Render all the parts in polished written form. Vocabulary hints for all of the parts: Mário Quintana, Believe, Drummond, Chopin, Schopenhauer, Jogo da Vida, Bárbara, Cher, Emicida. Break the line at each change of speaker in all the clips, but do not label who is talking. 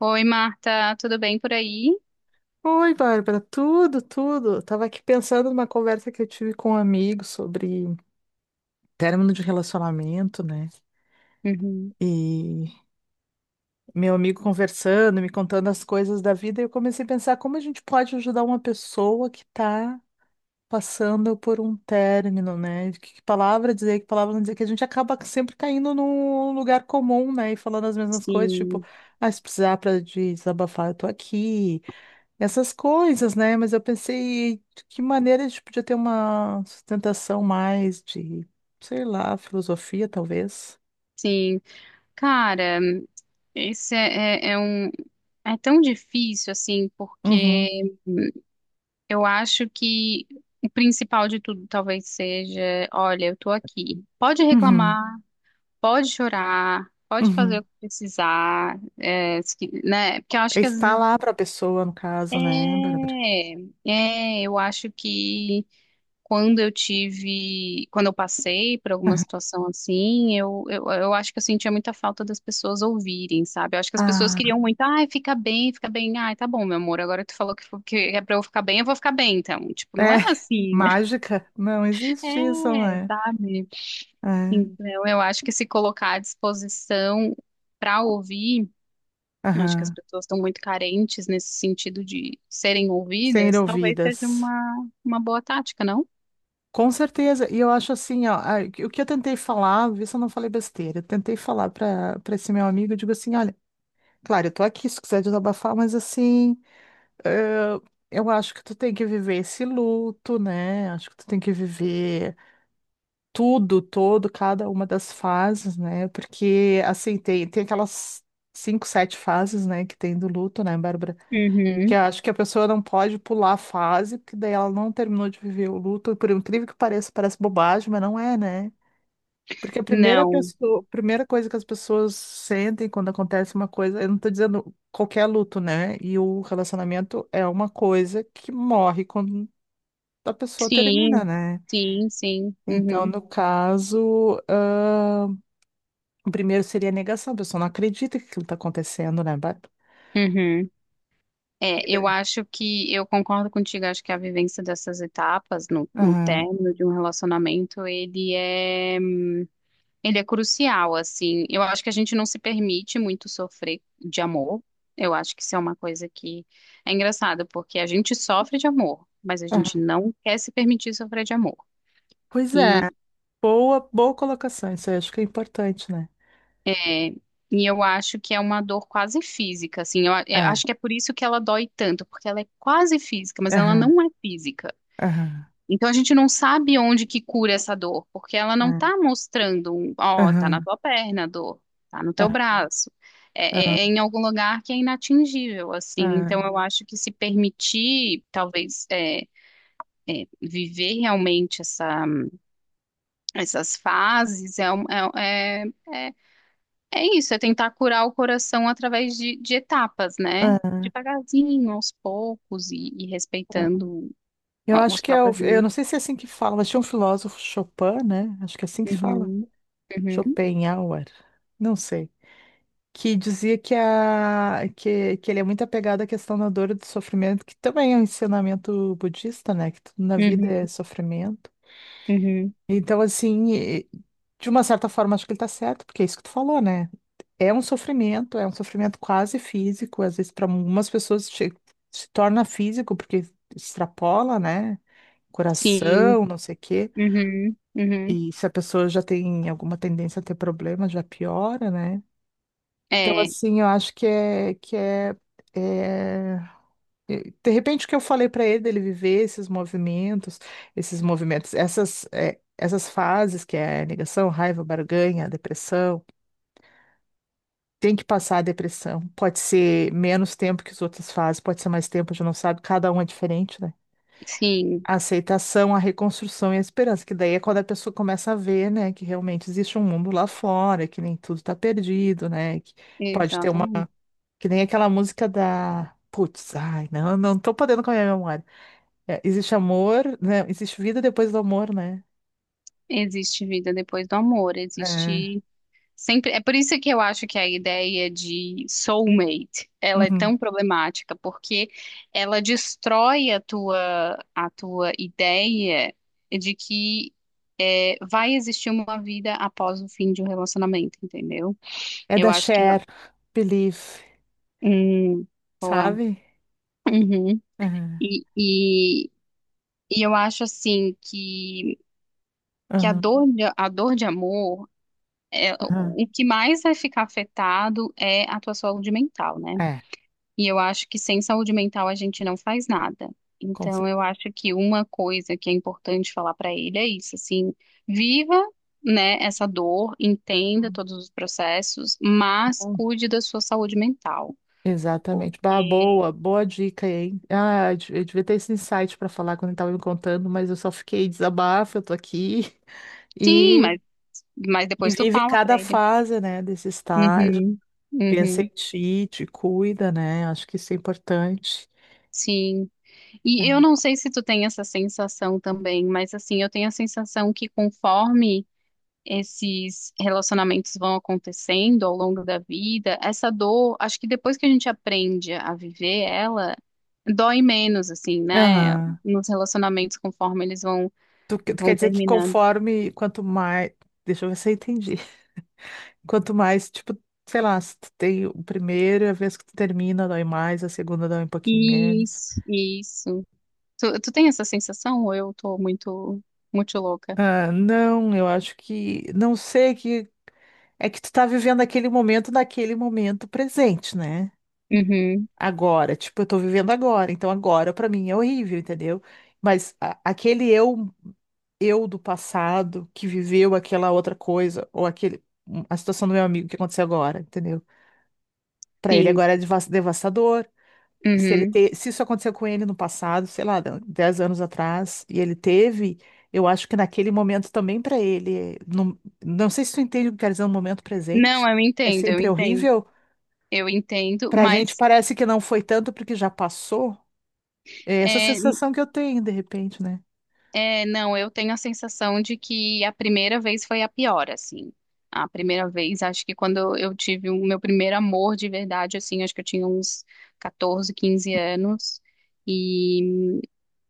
Oi, Marta, tudo bem por aí?
Oi, Bárbara, tudo, tudo. Tava aqui pensando numa conversa que eu tive com um amigo sobre término de relacionamento, né?
Uhum.
E meu amigo conversando, me contando as coisas da vida, e eu comecei a pensar como a gente pode ajudar uma pessoa que tá passando por um término, né? Que palavra dizer, que palavra não dizer, que a gente acaba sempre caindo num lugar comum, né? E falando as mesmas coisas, tipo,
Sim,
ah, se precisar pra desabafar, eu tô aqui. Essas coisas, né? Mas eu pensei de que maneira a gente podia ter uma sustentação mais de, sei lá, filosofia, talvez.
sim. Cara, esse é um. É tão difícil, assim, porque
Uhum,
eu acho que o principal de tudo talvez seja: olha, eu tô aqui. Pode
uhum,
reclamar, pode chorar, pode fazer
uhum.
o que precisar, é, se que- né? Porque eu acho que às
Está
vezes.
lá para a pessoa, no caso, né, Bárbara?
É, eu acho que. Quando eu passei por alguma
Aham.
situação assim, eu acho que eu sentia muita falta das pessoas ouvirem, sabe? Eu acho que as pessoas
Ah,
queriam muito, ai, fica bem, ai, tá bom, meu amor, agora tu falou que é pra eu ficar bem, eu vou ficar bem, então. Tipo, não
é,
é assim, né?
mágica? Não existe isso,
É,
né?
sabe?
É,
Então, eu acho que se colocar à disposição para ouvir, eu acho que as
aham.
pessoas estão muito carentes nesse sentido de serem
Ser
ouvidas, talvez seja
ouvidas.
uma boa tática, não?
Com certeza, e eu acho assim, ó, o que eu tentei falar, vê se eu não falei besteira, eu tentei falar para esse meu amigo, eu digo assim, olha. Claro, eu tô aqui se quiser desabafar, mas assim, eh, eu acho que tu tem que viver esse luto, né? Acho que tu tem que viver tudo, todo, cada uma das fases, né? Porque, assim, tem aquelas 5, 7 fases, né, que tem do luto, né, Bárbara? Que
Uhum.
eu acho que a pessoa não pode pular a fase, porque daí ela não terminou de viver o luto, por incrível que pareça, parece bobagem, mas não é, né? Porque a primeira
Não.
pessoa, primeira coisa que as pessoas sentem quando acontece uma coisa, eu não tô dizendo qualquer luto, né? E o relacionamento é uma coisa que morre quando a pessoa termina,
Sim,
né?
sim, sim.
Então,
Uhum,
no caso, ah, o primeiro seria a negação, a pessoa não acredita que aquilo tá acontecendo, né? Bárbara?
uhum. É,
Vida.
eu acho que eu concordo contigo, acho que a vivência dessas etapas no
Aham,
término de um relacionamento, ele é crucial, assim. Eu acho que a gente não se permite muito sofrer de amor. Eu acho que isso é uma coisa que é engraçado, porque a gente sofre de amor, mas a gente
aham.
não quer se permitir sofrer de amor.
Pois é, boa, boa colocação, isso eu acho que é importante, né?
É, e eu acho que é uma dor quase física, assim. Eu
É,
acho que é por isso que ela dói tanto, porque ela é quase física, mas ela
aham,
não é física.
aham,
Então a gente não sabe onde que cura essa dor, porque ela não
aham,
tá mostrando, ó, tá na
aham,
tua perna a dor, tá no teu
aham,
braço.
aham,
É, é em algum lugar que é inatingível, assim. Então
aham,
eu acho que se permitir, talvez, viver realmente essas fases é, é- é É isso, é tentar curar o coração através de etapas, né?
aham.
Devagarzinho, aos poucos e respeitando
Eu
a-
acho
os
que é,
próprios
eu
limites.
não sei se é assim que fala, mas tinha um filósofo Chopin, né? Acho que é assim que se fala.
Uhum, uhum,
Schopenhauer, não sei. Que dizia que ele é muito apegado à questão da dor e do sofrimento, que também é um ensinamento budista, né? Que tudo na vida
uhum,
é sofrimento.
uhum.
Então, assim, de uma certa forma, acho que ele tá certo, porque é isso que tu falou, né? É um sofrimento quase físico, às vezes para algumas pessoas se torna físico, porque extrapola, né?
Sim,
Coração, não sei o quê.
uhum, uhum.
E se a pessoa já tem alguma tendência a ter problema, já piora, né? Então,
É,
assim, eu acho que é, que é. De repente, o que eu falei para ele, dele viver esses movimentos, essas fases, que é negação, raiva, barganha, depressão, tem que passar a depressão. Pode ser menos tempo que as outras fases, pode ser mais tempo, a gente não sabe, cada um é diferente, né?
sim,
A aceitação, a reconstrução e a esperança, que daí é quando a pessoa começa a ver, né, que realmente existe um mundo lá fora, que nem tudo tá perdido, né, que pode ter uma,
exatamente.
que nem aquela música da, putz, ai, não, não tô podendo com a minha memória. É, existe amor, né, existe vida depois do amor, né?
Existe vida depois do amor,
É,
existe sempre, é por isso que eu acho que a ideia de soulmate, ela é
uhum.
tão problemática, porque ela destrói a tua ideia de que vai existir uma vida após o fim de um relacionamento, entendeu?
É
Eu
da
acho que não.
Cher, Believe,
Hum, boa.
sabe?
Uhum.
Aham,
E, e, e eu acho assim que a
aham,
dor de, a dor de amor,
aham.
o que mais vai ficar afetado é a tua saúde mental, né?
É,
E eu acho que sem saúde mental a gente não faz nada.
com
Então, eu acho que uma coisa que é importante falar para ele é isso, assim, viva, né, essa dor, entenda
certeza.
todos os processos, mas cuide da sua saúde mental.
Exatamente. Bah,
Porque
boa, boa dica, hein? Ah, eu devia ter esse insight para falar quando ele estava me contando, mas eu só fiquei desabafo, eu tô aqui
sim,
e,
mas
e
depois tu
vive
fala para
cada
ele.
fase, né, desse estágio.
Uhum,
Pensa
uhum.
em ti, te cuida, né? Acho que isso é importante.
Sim.
É.
E eu não sei se tu tem essa sensação também, mas assim, eu tenho a sensação que conforme esses relacionamentos vão acontecendo ao longo da vida, essa dor, acho que depois que a gente aprende a viver ela, dói menos, assim, né?
Aham.
Nos relacionamentos, conforme eles vão,
Tu, tu quer
vão
dizer que
terminando.
conforme, quanto mais. Deixa eu ver se eu entendi. Quanto mais, tipo, sei lá, se tu tem o primeiro, a vez que tu termina, dói mais, a segunda dói um pouquinho menos.
Isso, isso. Tu tem essa sensação ou eu tô muito, muito louca?
Ah, não, eu acho que. Não sei que. É que tu tá vivendo aquele momento naquele momento presente, né?
Uhum,
Agora, tipo, eu tô vivendo agora, então agora pra mim é horrível, entendeu? Mas aquele eu do passado que viveu aquela outra coisa, ou aquele, a situação do meu amigo que aconteceu agora, entendeu? Pra ele
sim,
agora é devastador se ele
uhum.
se isso aconteceu com ele no passado, sei lá, 10 anos atrás, e ele teve, eu acho que naquele momento também para ele, não, não sei se tu entende o que quer dizer no momento
Não,
presente,
eu
é
entendo, eu
sempre
entendo.
horrível.
Eu entendo,
Pra gente
mas.
parece que não foi tanto porque já passou. É essa
É.
sensação que eu tenho de repente, né?
É, não, eu tenho a sensação de que a primeira vez foi a pior, assim. A primeira vez, acho que quando eu tive o meu primeiro amor de verdade, assim, acho que eu tinha uns 14, 15 anos. E,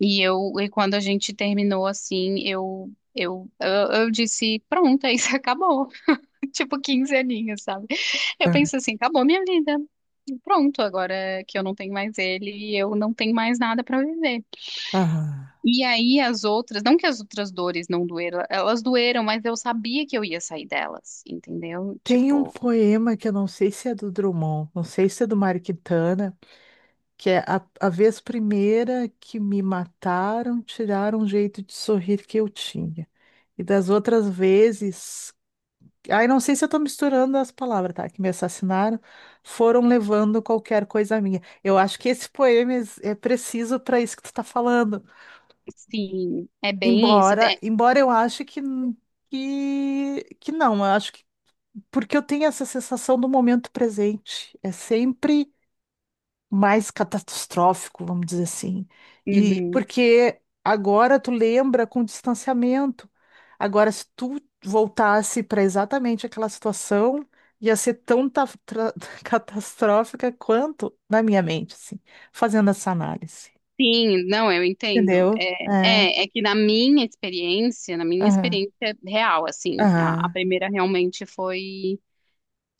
e quando a gente terminou, assim, eu disse, pronto, é isso, acabou. Tipo, 15 aninhos, sabe? Eu
Ah.
penso assim, acabou minha vida. Pronto, agora que eu não tenho mais ele, eu não tenho mais nada pra viver.
Ah.
E aí as outras, não que as outras dores não doeram, elas doeram, mas eu sabia que eu ia sair delas, entendeu?
Tem um
Tipo,
poema que eu não sei se é do Drummond, não sei se é do Mário Quintana, que é a vez primeira que me mataram, tiraram o jeito de sorrir que eu tinha. E das outras vezes, ai, não sei se eu tô misturando as palavras, tá? Que me assassinaram, foram levando qualquer coisa minha. Eu acho que esse poema é preciso para isso que tu tá falando.
sim, é bem isso.
Embora, embora eu ache que que não, eu acho que porque eu tenho essa sensação do momento presente. É sempre mais catastrófico, vamos dizer assim. E
Uhum.
porque agora tu lembra com distanciamento. Agora, se tu voltasse para exatamente aquela situação, ia ser tão catastrófica quanto na minha mente, assim, fazendo essa análise.
Sim, não, eu entendo.
Entendeu? É.
É que na minha experiência, na minha
Aham.
experiência real, assim, a
Aham.
primeira realmente foi,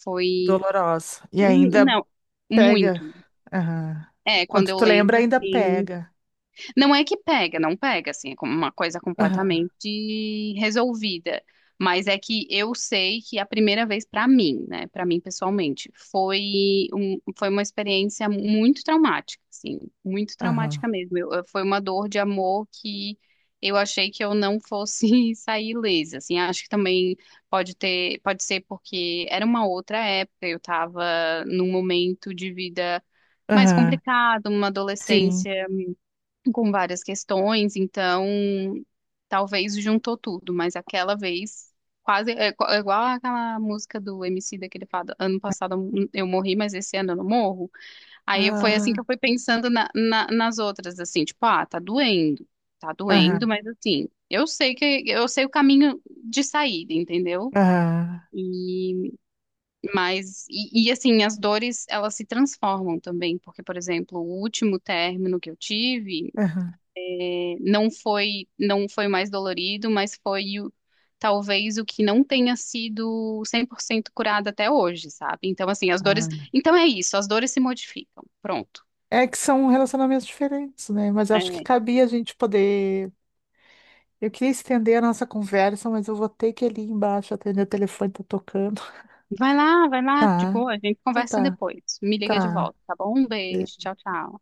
foi,
Dolorosa. E ainda
não,
pega.
muito.
Aham.
É, quando
Quando
eu
tu lembra,
lembro,
ainda
assim.
pega.
Não é que pega, não pega, assim, é como uma coisa
Aham.
completamente resolvida. Mas é que eu sei que a primeira vez pra mim, né, pra mim pessoalmente, foi uma experiência muito traumática, assim, muito
Aham.
traumática mesmo. Foi uma dor de amor que eu achei que eu não fosse sair ilesa, assim. Acho que também pode ser porque era uma outra época, eu tava num momento de vida mais
Aham.
complicado, uma
Sim.
adolescência com várias questões, então talvez juntou tudo, mas aquela vez quase é igual aquela música do Emicida que ele fala, ano passado eu morri, mas esse ano eu não morro. Aí foi assim que eu
Ah.
fui pensando nas outras, assim, tipo, ah, tá doendo,
Aham.
mas assim, eu sei que eu sei o caminho de saída, entendeu?
Aham,
E mas assim, as dores elas se transformam também, porque por exemplo, o último término que eu tive
aham.
não foi mais dolorido, mas foi talvez o que não tenha sido 100% curado até hoje, sabe? Então, assim, as dores.
Ah.
Então é isso, as dores se modificam. Pronto.
É que são relacionamentos diferentes, né? Mas eu acho que
É,
cabia a gente poder. Eu queria estender a nossa conversa, mas eu vou ter que ir ali embaixo atender o telefone, tá tocando.
vai lá, vai lá, de
Tá,
boa, a gente
então
conversa
tá,
depois. Me liga de
tá.
volta, tá bom? Um beijo, tchau, tchau.